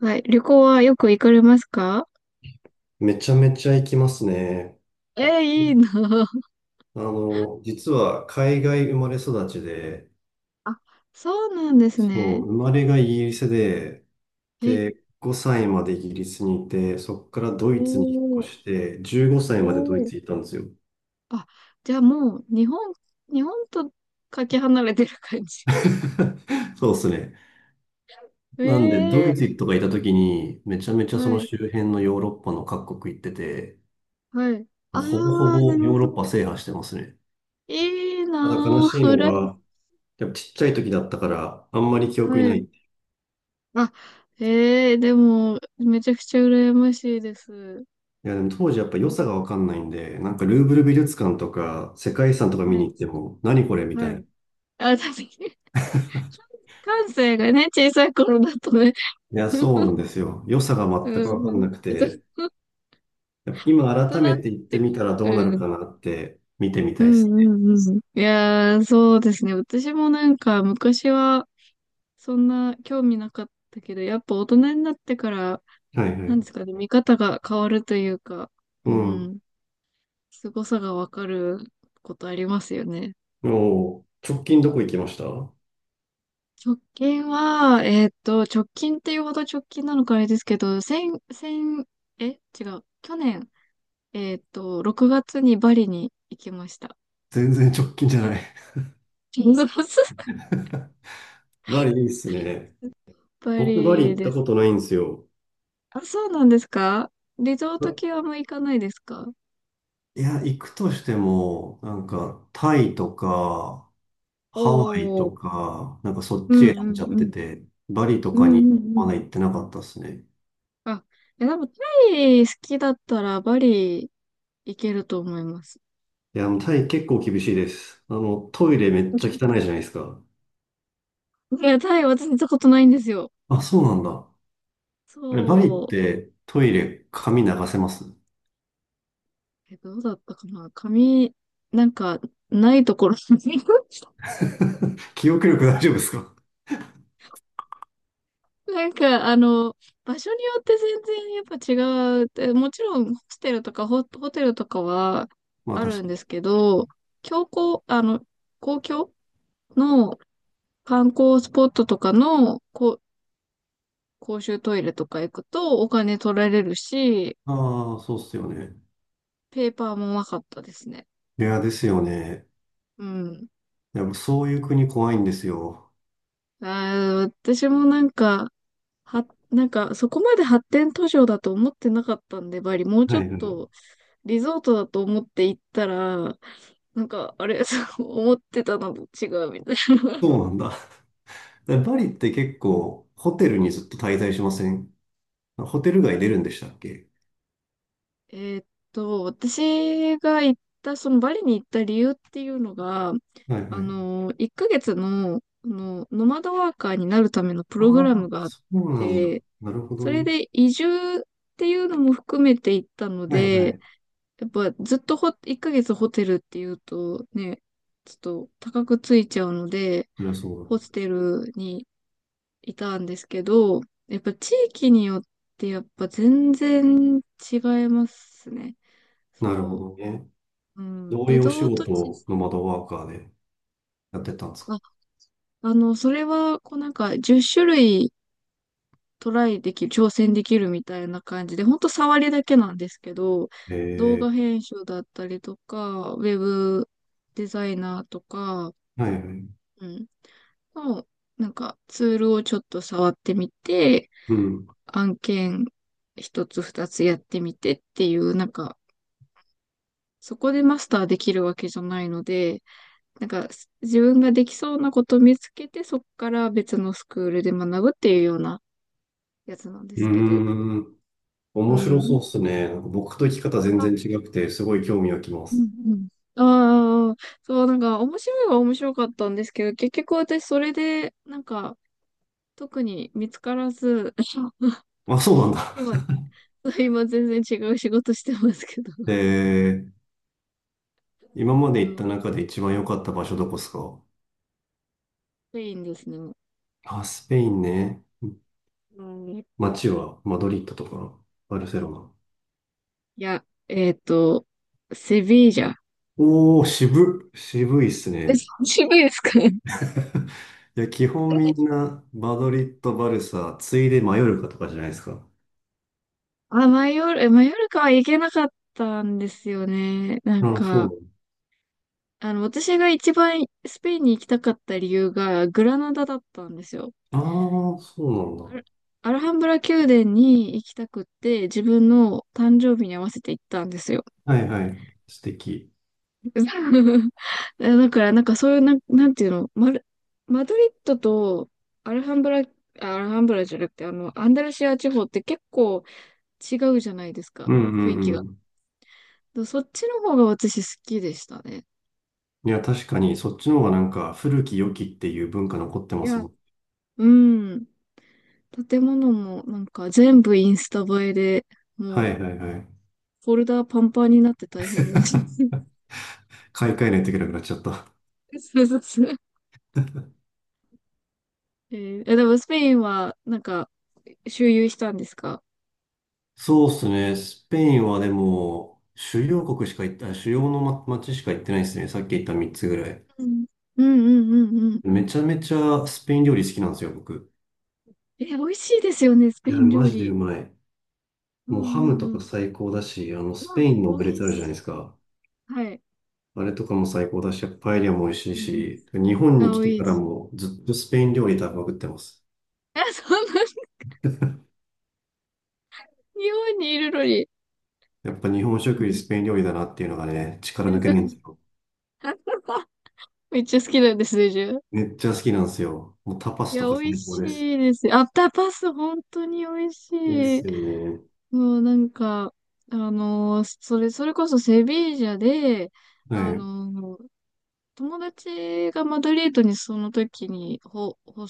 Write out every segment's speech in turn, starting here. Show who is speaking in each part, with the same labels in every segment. Speaker 1: はい。旅行はよく行かれますか？
Speaker 2: めちゃめちゃ行きますね。
Speaker 1: いいなぁ。
Speaker 2: 実は海外生まれ育ちで、
Speaker 1: あ、そうなんです
Speaker 2: そ
Speaker 1: ね。
Speaker 2: う、生まれがイギリスで、
Speaker 1: え、
Speaker 2: で、5歳までイギリスにいて、そこからドイツに引っ
Speaker 1: おー、
Speaker 2: 越して、15歳までド
Speaker 1: お
Speaker 2: イ
Speaker 1: ー。
Speaker 2: ツにいたんですよ。
Speaker 1: あ、じゃあもう、日本とかけ離れてる感じ。
Speaker 2: そうですね。なんで、ド
Speaker 1: ええ
Speaker 2: イツとかいた時に、めちゃめちゃ
Speaker 1: ー、
Speaker 2: その
Speaker 1: は
Speaker 2: 周
Speaker 1: い、
Speaker 2: 辺のヨーロッパの各国行ってて、
Speaker 1: はい。あ
Speaker 2: ほぼほ
Speaker 1: あ、な
Speaker 2: ぼ
Speaker 1: るほ
Speaker 2: ヨーロッパ
Speaker 1: ど。
Speaker 2: 制覇してますね。
Speaker 1: いい
Speaker 2: ただ悲
Speaker 1: な
Speaker 2: しい
Speaker 1: ぁ、う
Speaker 2: の
Speaker 1: らや、
Speaker 2: が、やっぱちっちゃい時だったから、あんまり記憶に
Speaker 1: は
Speaker 2: な
Speaker 1: い。
Speaker 2: い。
Speaker 1: あ、ええーでも、めちゃくちゃ羨ましいです。うん、
Speaker 2: いや、でも当時やっぱ良さがわかんないんで、なんかルーブル美術館とか世界遺産とか見
Speaker 1: は
Speaker 2: に
Speaker 1: い、
Speaker 2: 行っても、何これみ
Speaker 1: は
Speaker 2: たいな。
Speaker 1: い。
Speaker 2: い
Speaker 1: あ、確かに、関西がね、小さい頃だとね。
Speaker 2: や、そうな んですよ。良さが全くわか
Speaker 1: う
Speaker 2: ん
Speaker 1: ん。
Speaker 2: なく
Speaker 1: ずっ
Speaker 2: て、やっぱ今
Speaker 1: と、なん
Speaker 2: 改
Speaker 1: だ
Speaker 2: めて
Speaker 1: っ、
Speaker 2: 行って
Speaker 1: てか、
Speaker 2: みたらどうな
Speaker 1: う
Speaker 2: る
Speaker 1: ん。
Speaker 2: かなって見てみ
Speaker 1: う
Speaker 2: たいで
Speaker 1: ん
Speaker 2: すね。
Speaker 1: うんうん。いやー、そうですね。私もなんか昔はそんな興味なかったけど、やっぱ大人になってから、
Speaker 2: はいは
Speaker 1: なん
Speaker 2: い。
Speaker 1: ですかね、見方が変わるというか、
Speaker 2: う
Speaker 1: う
Speaker 2: ん。
Speaker 1: ん、凄さがわかることありますよね。
Speaker 2: もう、直近どこ行きました？
Speaker 1: 直近は、直近っていうほど直近なのかあれですけど、先、え、違う。去年、6月にバリに行きました。
Speaker 2: 全然直近じゃない。
Speaker 1: 6月、
Speaker 2: バリいいっすね。
Speaker 1: ぱ
Speaker 2: 僕バリ
Speaker 1: り
Speaker 2: 行っ
Speaker 1: で
Speaker 2: たこ
Speaker 1: す。
Speaker 2: とないんですよ。
Speaker 1: あ、そうなんですか？リゾート系
Speaker 2: あ、
Speaker 1: はあんま行かないですか？
Speaker 2: いや、行くとしても、なんかタイとか、ハワイ
Speaker 1: おー。
Speaker 2: とか、なんかそっ
Speaker 1: う
Speaker 2: ち
Speaker 1: んう
Speaker 2: へんじ
Speaker 1: ん
Speaker 2: ゃ
Speaker 1: う
Speaker 2: って
Speaker 1: ん。
Speaker 2: て、バリと
Speaker 1: う
Speaker 2: か
Speaker 1: ん
Speaker 2: に
Speaker 1: うんう
Speaker 2: ま
Speaker 1: ん。
Speaker 2: だ行ってなかったですね。
Speaker 1: あ、いや、でもタイ好きだったらバリ行けると思います。
Speaker 2: いや、もうタイ結構厳しいです。トイレめっちゃ汚い じゃないですか。
Speaker 1: いや、タイ私行ったことないんですよ。
Speaker 2: あ、そうなんだ。あれ、バリっ
Speaker 1: そう。
Speaker 2: てトイレ髪流せます？
Speaker 1: え、どうだったかな、髪、なんか、ないところに。
Speaker 2: 記憶力大丈夫ですか？
Speaker 1: なんか、あの、場所によって全然やっぱ違う。でもちろん、ホステルとかホテルとかは
Speaker 2: まあ
Speaker 1: あ
Speaker 2: 確
Speaker 1: るん
Speaker 2: かに。
Speaker 1: ですけど、教皇、あの、公共の観光スポットとかのこう公衆トイレとか行くとお金取られるし、
Speaker 2: ああ、そうっすよね。
Speaker 1: ペーパーもなかったですね。
Speaker 2: いや、ですよね。
Speaker 1: うん。
Speaker 2: やっぱそういう国怖いんですよ。
Speaker 1: あー、私もなんか、は、なんか、そこまで発展途上だと思ってなかったんで、バリ、もうち
Speaker 2: は
Speaker 1: ょっ
Speaker 2: いはい。
Speaker 1: とリゾートだと思って行ったら、なんか、あれ、そう思ってたのと違うみたいな。
Speaker 2: そうなんだ。で、バリって結構ホテルにずっと滞在しません？ホテル街出るんでしたっけ？
Speaker 1: えーっ私が行った、そのバリに行った理由っていうのが、
Speaker 2: はい
Speaker 1: あ
Speaker 2: はい。
Speaker 1: の、1ヶ月の、あの、ノマドワーカーになるためのプ
Speaker 2: あ
Speaker 1: ログラム
Speaker 2: あ、
Speaker 1: があっ
Speaker 2: そうなんだ。
Speaker 1: て、
Speaker 2: なるほど
Speaker 1: それ
Speaker 2: ね。
Speaker 1: で移住っていうのも含めて行ったの
Speaker 2: はいは
Speaker 1: で、
Speaker 2: い。
Speaker 1: やっぱずっと、ほ、1ヶ月ホテルっていうとね、ちょっと高くついちゃうので、
Speaker 2: そりゃそうだ。
Speaker 1: ホステルにいたんですけど、やっぱ地域によってやっぱ全然違いますね。そ
Speaker 2: なるほ
Speaker 1: の、
Speaker 2: どね。
Speaker 1: うん、
Speaker 2: どうい
Speaker 1: リ
Speaker 2: うお仕
Speaker 1: ゾート地、
Speaker 2: 事の窓ワーカーでやってたんですか？
Speaker 1: あ、あの、それは、こうなんか10種類トライできる、挑戦できるみたいな感じで、ほんと触りだけなんですけど、動
Speaker 2: え
Speaker 1: 画編集だったりとか、ウェブデザイナーとか、
Speaker 2: え、はいはい。う
Speaker 1: うん、の、なんかツールをちょっと触ってみて、
Speaker 2: ん。う
Speaker 1: 案件一つ二つやってみてっていう、なんか、そこでマスターできるわけじゃないので、なんか自分ができそうなことを見つけて、そこから別のスクールで学ぶっていうようなやつなんで
Speaker 2: ー
Speaker 1: すけど。
Speaker 2: ん。
Speaker 1: う
Speaker 2: 面白
Speaker 1: ん。
Speaker 2: そうっすね。なんか僕と生き方全
Speaker 1: あ、
Speaker 2: 然違くて、すごい興味がきま
Speaker 1: う
Speaker 2: す。
Speaker 1: んうん。ああ、そう、なんか面白いは面白かったんですけど、結局私それで、なんか特に見つからず、
Speaker 2: あ、そうなんだ。
Speaker 1: 今、今全然違う仕事してますけど、
Speaker 2: ええ、今まで
Speaker 1: そ
Speaker 2: 行った
Speaker 1: う
Speaker 2: 中で一番良かった場所どこっすか？
Speaker 1: スペインですね。
Speaker 2: あ、スペインね。
Speaker 1: うん。
Speaker 2: 街はマドリッドとかバルセロナ？
Speaker 1: いや、セビージャ。
Speaker 2: おー、渋っ。渋いっす
Speaker 1: え、
Speaker 2: ね。
Speaker 1: 渋いですか？
Speaker 2: いや、基本み んな、バドリッド、バルサ、ついでマヨルカとかじゃないですか。
Speaker 1: あ、マヨルカは行けなかったんですよね。なん
Speaker 2: ああ、そうなん
Speaker 1: か、
Speaker 2: だ。
Speaker 1: あの、私が一番スペインに行きたかった理由がグラナダだったんですよ。
Speaker 2: ああ、そう
Speaker 1: ア
Speaker 2: な
Speaker 1: ルアルハンブラ宮殿に行きたくって、自分の誕生日に合わせて行ったんですよ。
Speaker 2: んだ。はいはい。素敵。
Speaker 1: だから、なんかそういう、なんていうの、マドリッドとアルハンブラ、あ、アルハンブラじゃなくて、あの、アンダルシア地方って結構、違うじゃないですか、
Speaker 2: うん
Speaker 1: 雰囲
Speaker 2: うん
Speaker 1: 気が。
Speaker 2: うん。
Speaker 1: だ、そっちの方が私好きでしたね。
Speaker 2: いや、確かに、そっちの方がなんか、古き良きっていう文化残って
Speaker 1: い
Speaker 2: ます
Speaker 1: や、
Speaker 2: もん。
Speaker 1: うん。建物もなんか全部インスタ映えで、も
Speaker 2: は
Speaker 1: う
Speaker 2: いはいはい。
Speaker 1: フォルダーパンパンになって大変でした。
Speaker 2: 買い替えないといけなくなっちゃった。
Speaker 1: そうそうそう。えーえでもスペインはなんか周遊したんですか？
Speaker 2: そうっすね。スペインはでも、主要国しか行った、主要のま街しか行ってないですね。さっき言った3つぐらい。
Speaker 1: うん。うんうんうんうん。
Speaker 2: めちゃめちゃスペイン料理好きなんですよ、僕。
Speaker 1: え、美味しいですよね、スペ
Speaker 2: いや、
Speaker 1: イン
Speaker 2: マ
Speaker 1: 料
Speaker 2: ジでう
Speaker 1: 理。
Speaker 2: まい。
Speaker 1: うん
Speaker 2: もうハム
Speaker 1: う
Speaker 2: と
Speaker 1: んう
Speaker 2: か
Speaker 1: ん。
Speaker 2: 最高だし、
Speaker 1: う
Speaker 2: スペ
Speaker 1: わ、
Speaker 2: インのオム
Speaker 1: 美
Speaker 2: レ
Speaker 1: 味
Speaker 2: ツあるじゃないで
Speaker 1: し
Speaker 2: す
Speaker 1: い。
Speaker 2: か。
Speaker 1: はい。
Speaker 2: あれとかも最高だし、パエリアも美味し
Speaker 1: う
Speaker 2: い
Speaker 1: ん
Speaker 2: し、日本
Speaker 1: う
Speaker 2: に
Speaker 1: ん、
Speaker 2: 来
Speaker 1: あ、美
Speaker 2: て
Speaker 1: 味
Speaker 2: から
Speaker 1: しい。
Speaker 2: もずっとスペイン料理食べまくってます。
Speaker 1: あ、そんな、日本にいるのに。
Speaker 2: やっぱ日本食
Speaker 1: う
Speaker 2: より
Speaker 1: ん。
Speaker 2: スペイン料理だなっていうのがね、力抜けないんですよ。
Speaker 1: めっちゃ好きなんです、水10。
Speaker 2: めっちゃ好きなんですよ。もうタパ
Speaker 1: い
Speaker 2: ス
Speaker 1: や、
Speaker 2: とか
Speaker 1: 美味
Speaker 2: 最高
Speaker 1: し
Speaker 2: です。
Speaker 1: いですね。アフターパス、本当に美味し
Speaker 2: いいっ
Speaker 1: い。
Speaker 2: すよね。
Speaker 1: もうなんか、それこそセビージャで、
Speaker 2: は
Speaker 1: あ
Speaker 2: い。
Speaker 1: の友達がマドリードにその時に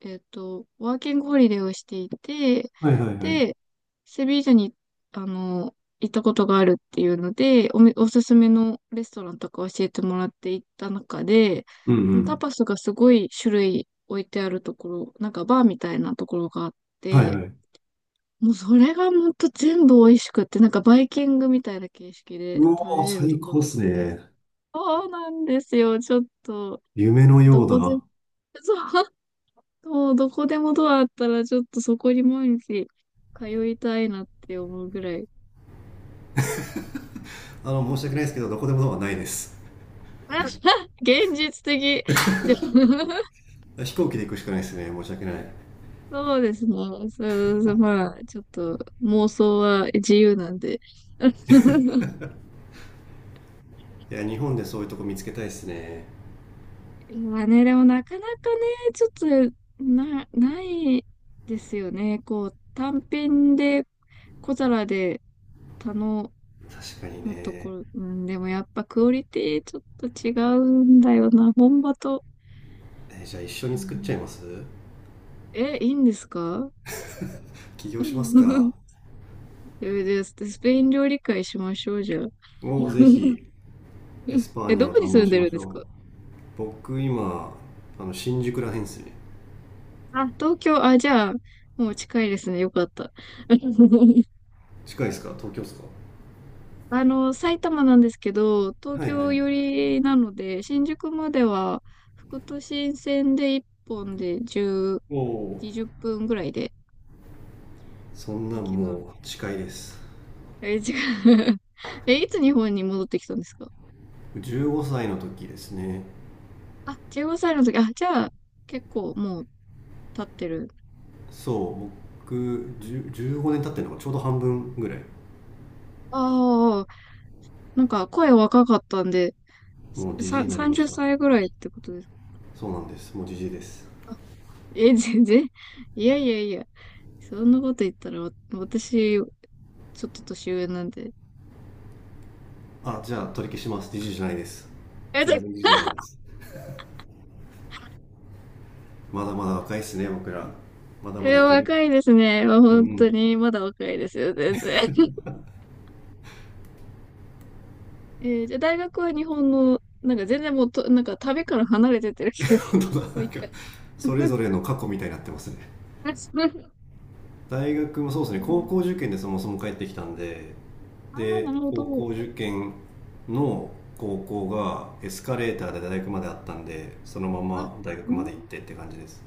Speaker 1: ワーキングホリデーをしていて、
Speaker 2: はいはいはい。
Speaker 1: で、セビージャに、あの、行ったことがあるっていうので、おすすめのレストランとか教えてもらって行った中で、
Speaker 2: うんう
Speaker 1: タ
Speaker 2: ん。
Speaker 1: パスがすごい種類置いてあるところ、なんかバーみたいなところがあっ
Speaker 2: はい
Speaker 1: て、
Speaker 2: はい。
Speaker 1: もうそれがほんと全部美味しくって、なんかバイキングみたいな形式で
Speaker 2: う
Speaker 1: 食べ
Speaker 2: おー、
Speaker 1: れると
Speaker 2: 最
Speaker 1: こ
Speaker 2: 高
Speaker 1: ろ
Speaker 2: っ
Speaker 1: でし
Speaker 2: す
Speaker 1: た。
Speaker 2: ね。
Speaker 1: そうなんですよ。ちょっと、
Speaker 2: 夢の
Speaker 1: ど
Speaker 2: よう
Speaker 1: こで、
Speaker 2: だ。
Speaker 1: そう、もうどこでもドアあったら、ちょっとそこに毎日通いたいなって思うぐらい
Speaker 2: 申し
Speaker 1: 美
Speaker 2: 訳
Speaker 1: 味
Speaker 2: ない
Speaker 1: し
Speaker 2: ですけ
Speaker 1: い。
Speaker 2: ど、どこでもドアないです。
Speaker 1: あ。 現実的。ちょ。
Speaker 2: 飛行機で行くしかないですね。申し訳ない。
Speaker 1: そうですね。そうそう、まあ、ちょっと妄想は自由なんで。
Speaker 2: いや、日本でそういうとこ見つけたいですね。
Speaker 1: まあね、でもなかなかね、ちょっと、な、ないですよね。こう、単品で小皿で頼
Speaker 2: 確かに
Speaker 1: のとこ
Speaker 2: ね。
Speaker 1: ろ、うん、でもやっぱクオリティちょっと違うんだよな、本場と。
Speaker 2: じゃあ一緒
Speaker 1: う
Speaker 2: に作っち
Speaker 1: ん、
Speaker 2: ゃいます？
Speaker 1: え、いいんですか？
Speaker 2: 起
Speaker 1: う
Speaker 2: 業します
Speaker 1: ん。
Speaker 2: か？
Speaker 1: え、じゃあスペイン料理会しましょう、じゃあ。
Speaker 2: もうぜ ひ。エスパー
Speaker 1: え、
Speaker 2: ニャ
Speaker 1: ど
Speaker 2: を
Speaker 1: こ
Speaker 2: 堪
Speaker 1: に
Speaker 2: 能
Speaker 1: 住ん
Speaker 2: し
Speaker 1: でる
Speaker 2: ま
Speaker 1: ん
Speaker 2: し
Speaker 1: です
Speaker 2: ょ
Speaker 1: か？
Speaker 2: う。僕今新宿らへんですね。
Speaker 1: あ、東京、あ、じゃあ、もう近いですね。よかった。
Speaker 2: 近いですか？東京ですか？
Speaker 1: あの、埼玉なんですけど、東
Speaker 2: はいは
Speaker 1: 京寄
Speaker 2: い。
Speaker 1: りなので、新宿までは、副都心線で1本で10、
Speaker 2: おお。
Speaker 1: 2分ぐらいで
Speaker 2: そんな
Speaker 1: 行
Speaker 2: ん
Speaker 1: けま
Speaker 2: も
Speaker 1: す。
Speaker 2: う近いです。
Speaker 1: え、違う。え、いつ日本に戻ってきたんですか？
Speaker 2: 15歳の時ですね。
Speaker 1: あ、15歳の時。あ、じゃあ、結構もう経ってる。
Speaker 2: そう、僕1 5年経ってるのがちょうど半分ぐらい。
Speaker 1: ああ、なんか声若かったんで、
Speaker 2: もうじじい
Speaker 1: さ、
Speaker 2: になりま
Speaker 1: 30
Speaker 2: した。
Speaker 1: 歳ぐらいってことですか？
Speaker 2: そうなんです、もうじじいです。
Speaker 1: え、全然。いやいやいや。そんなこと言ったら、わ、私、ちょっと年上なんで。
Speaker 2: あ、じゃあ取り消します、20じゅうじゃないです。
Speaker 1: え、ち
Speaker 2: 全
Speaker 1: ょ。
Speaker 2: 然20じゅうじゃないです。まだまだ若いっすね、僕ら。まだま
Speaker 1: え、
Speaker 2: だいける。
Speaker 1: 若いですね。まあ
Speaker 2: う
Speaker 1: 本当
Speaker 2: ん。
Speaker 1: に、まだ若いですよ、全然。えー、じゃあ大学は日本の、なんか全然もうと、なんか旅から離れてってる人です。
Speaker 2: 本当だ。
Speaker 1: もう
Speaker 2: な
Speaker 1: 一
Speaker 2: んか
Speaker 1: 回。
Speaker 2: それぞ れの過去みたいになってますね。大学もそう
Speaker 1: え
Speaker 2: ですね。高
Speaker 1: ー。
Speaker 2: 校受験でそもそも帰ってきたんで。
Speaker 1: ああ、な
Speaker 2: で、
Speaker 1: るほ
Speaker 2: 高
Speaker 1: ど。
Speaker 2: 校受験の高校がエスカレーターで大学まであったんで、そのま
Speaker 1: あ、
Speaker 2: ま大
Speaker 1: う
Speaker 2: 学ま
Speaker 1: ん、
Speaker 2: で行ってって感じです。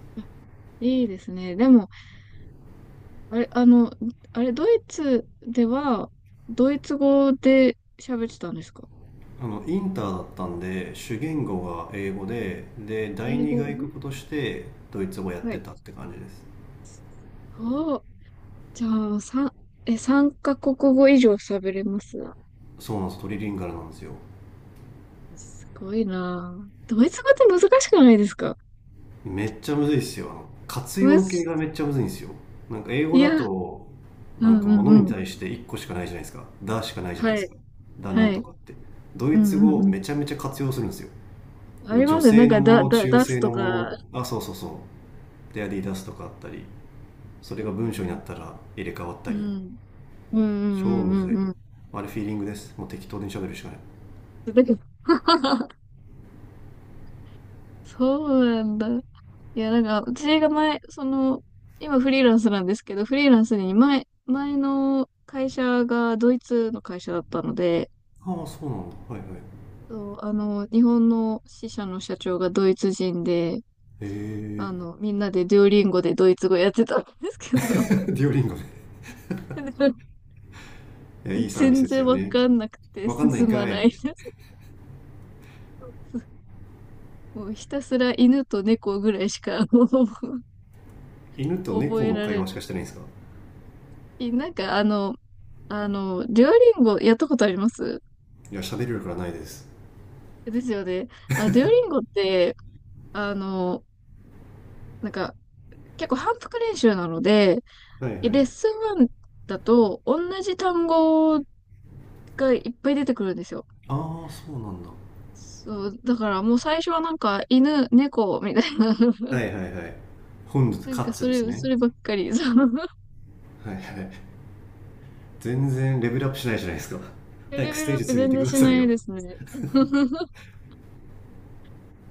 Speaker 1: いいですね。でも、あれ、あの、あれ、ドイツでは、ドイツ語で喋ってたんですか？
Speaker 2: インターだったんで、主言語が英語で、第
Speaker 1: 英
Speaker 2: 二
Speaker 1: 語、う
Speaker 2: 外国
Speaker 1: ん。
Speaker 2: としてドイツ語やっ
Speaker 1: は
Speaker 2: て
Speaker 1: い。
Speaker 2: たって感じです。
Speaker 1: すごい。じゃあ、三、え、三カ国語以上喋れます？
Speaker 2: そうなんです、トリリンガルなんですよ。
Speaker 1: すごいなあ。ドイツ語って難しくないですか？
Speaker 2: めっちゃむずいっすよ。活
Speaker 1: む
Speaker 2: 用形
Speaker 1: ず、
Speaker 2: がめっちゃむずいんですよ。なんか英
Speaker 1: い
Speaker 2: 語だ
Speaker 1: や、
Speaker 2: と、
Speaker 1: う
Speaker 2: なん
Speaker 1: ん
Speaker 2: か
Speaker 1: う
Speaker 2: 物
Speaker 1: ん
Speaker 2: に
Speaker 1: う
Speaker 2: 対
Speaker 1: ん。
Speaker 2: して1個しかないじゃないですか。「だ」しかないじゃない
Speaker 1: は
Speaker 2: です
Speaker 1: い、
Speaker 2: か、「だな
Speaker 1: は
Speaker 2: んと
Speaker 1: い。
Speaker 2: か」って。ド
Speaker 1: う
Speaker 2: イツ
Speaker 1: んうんう
Speaker 2: 語め
Speaker 1: ん。
Speaker 2: ちゃめちゃ活用するんですよ。
Speaker 1: あり
Speaker 2: 女
Speaker 1: ますね。なん
Speaker 2: 性の
Speaker 1: か、
Speaker 2: も
Speaker 1: だ、
Speaker 2: の、
Speaker 1: だ、
Speaker 2: 中
Speaker 1: 出す
Speaker 2: 性
Speaker 1: と
Speaker 2: のも
Speaker 1: か、
Speaker 2: の、あ、そうそうそう。で、アディダスとかあったり、それ
Speaker 1: う
Speaker 2: が文章にな
Speaker 1: ん、
Speaker 2: ったら入れ替わった
Speaker 1: う
Speaker 2: り。
Speaker 1: ん、うん、う
Speaker 2: 超むず
Speaker 1: ん、う
Speaker 2: い。
Speaker 1: ん、うん。
Speaker 2: あれ、フィーリングです。もう適当に喋るしかない。
Speaker 1: だから、そうなんだ。いや、なんか、私が前、その、今フリーランスなんですけど、フリーランスに前の会社がドイツの会社だったので、
Speaker 2: ああ、そうなんだ。はいはい。
Speaker 1: そう、あの、日本の支社の社長がドイツ人で、
Speaker 2: へえ。
Speaker 1: あの、みんなでデュオリンゴでドイツ語やってたんですけ
Speaker 2: デ
Speaker 1: ど、
Speaker 2: ュオリンゴね。 いや、いいサービス
Speaker 1: 全
Speaker 2: です
Speaker 1: 然
Speaker 2: よ
Speaker 1: わ
Speaker 2: ね。
Speaker 1: かんなくて
Speaker 2: わかんないん
Speaker 1: 進ま
Speaker 2: か
Speaker 1: ないで
Speaker 2: い。
Speaker 1: す。もうひたすら犬と猫ぐらいしかもう。
Speaker 2: 犬と
Speaker 1: 覚
Speaker 2: 猫
Speaker 1: え
Speaker 2: の
Speaker 1: ら
Speaker 2: 会
Speaker 1: れ
Speaker 2: 話
Speaker 1: る、
Speaker 2: しかしてないんですか？
Speaker 1: なんかあの、あの、デュオリンゴやったことあります？
Speaker 2: いや、喋る力はないです。
Speaker 1: ですよね。あの、デュオリンゴって、あの、なんか、結構反復練習なので、
Speaker 2: はいはい。
Speaker 1: レッスン1だと、同じ単語がいっぱい出てくるんですよ。
Speaker 2: ああ、そうなんだ。
Speaker 1: そう、だからもう最初はなんか、犬、猫、みたいな、
Speaker 2: は いはいはい。本日、
Speaker 1: なん
Speaker 2: カッ
Speaker 1: かそ
Speaker 2: ツです
Speaker 1: れ、そ
Speaker 2: ね。
Speaker 1: ればっかり、その、
Speaker 2: はいはい。全然レベルアップしないじゃないですか。
Speaker 1: レ
Speaker 2: 早くス
Speaker 1: ベル
Speaker 2: テ
Speaker 1: ア
Speaker 2: ー
Speaker 1: ッ
Speaker 2: ジ
Speaker 1: プ
Speaker 2: 2に行っ
Speaker 1: 全
Speaker 2: て
Speaker 1: 然
Speaker 2: くだ
Speaker 1: し
Speaker 2: さ
Speaker 1: な
Speaker 2: い
Speaker 1: い
Speaker 2: よ。
Speaker 1: ですね。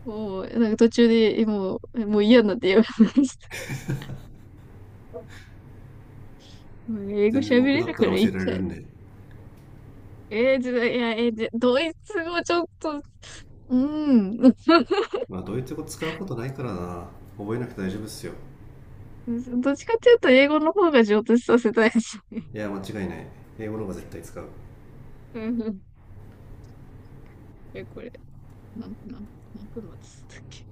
Speaker 1: もう、なんか途中で、もう、もう嫌になってやめました。もう英語
Speaker 2: 全然
Speaker 1: 喋
Speaker 2: 僕
Speaker 1: れ
Speaker 2: だ
Speaker 1: る
Speaker 2: った
Speaker 1: か
Speaker 2: ら
Speaker 1: らい
Speaker 2: 教
Speaker 1: い
Speaker 2: えられ
Speaker 1: か。
Speaker 2: るんで。
Speaker 1: えー、じゃ、いや、えー、じゃ、ドイツ語ちょっと、うん。
Speaker 2: まあ、ドイツ語使うことないからな。覚えなくて大丈夫っすよ。
Speaker 1: どっちかっていうと、英語の方が上達させたいですね。
Speaker 2: いや、間違いない。英語の方が絶対使う。
Speaker 1: うんうん。え、これ、なん、なん、何分待つったっけ？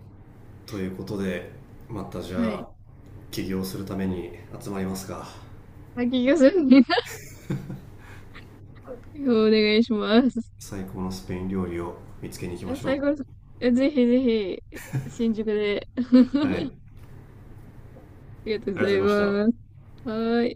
Speaker 2: ということで、またじゃ
Speaker 1: はい。
Speaker 2: あ、起業するために集まりますか。
Speaker 1: 滝行さに、お願いします。
Speaker 2: 最高のスペイン料理を見つけに行きま
Speaker 1: え、
Speaker 2: し
Speaker 1: 最
Speaker 2: ょ
Speaker 1: 後、
Speaker 2: う。
Speaker 1: え、ぜひぜひ、新宿で、あ
Speaker 2: はい。ありがと
Speaker 1: りがとうご
Speaker 2: う
Speaker 1: ざ
Speaker 2: ござ
Speaker 1: い
Speaker 2: いました。
Speaker 1: ます。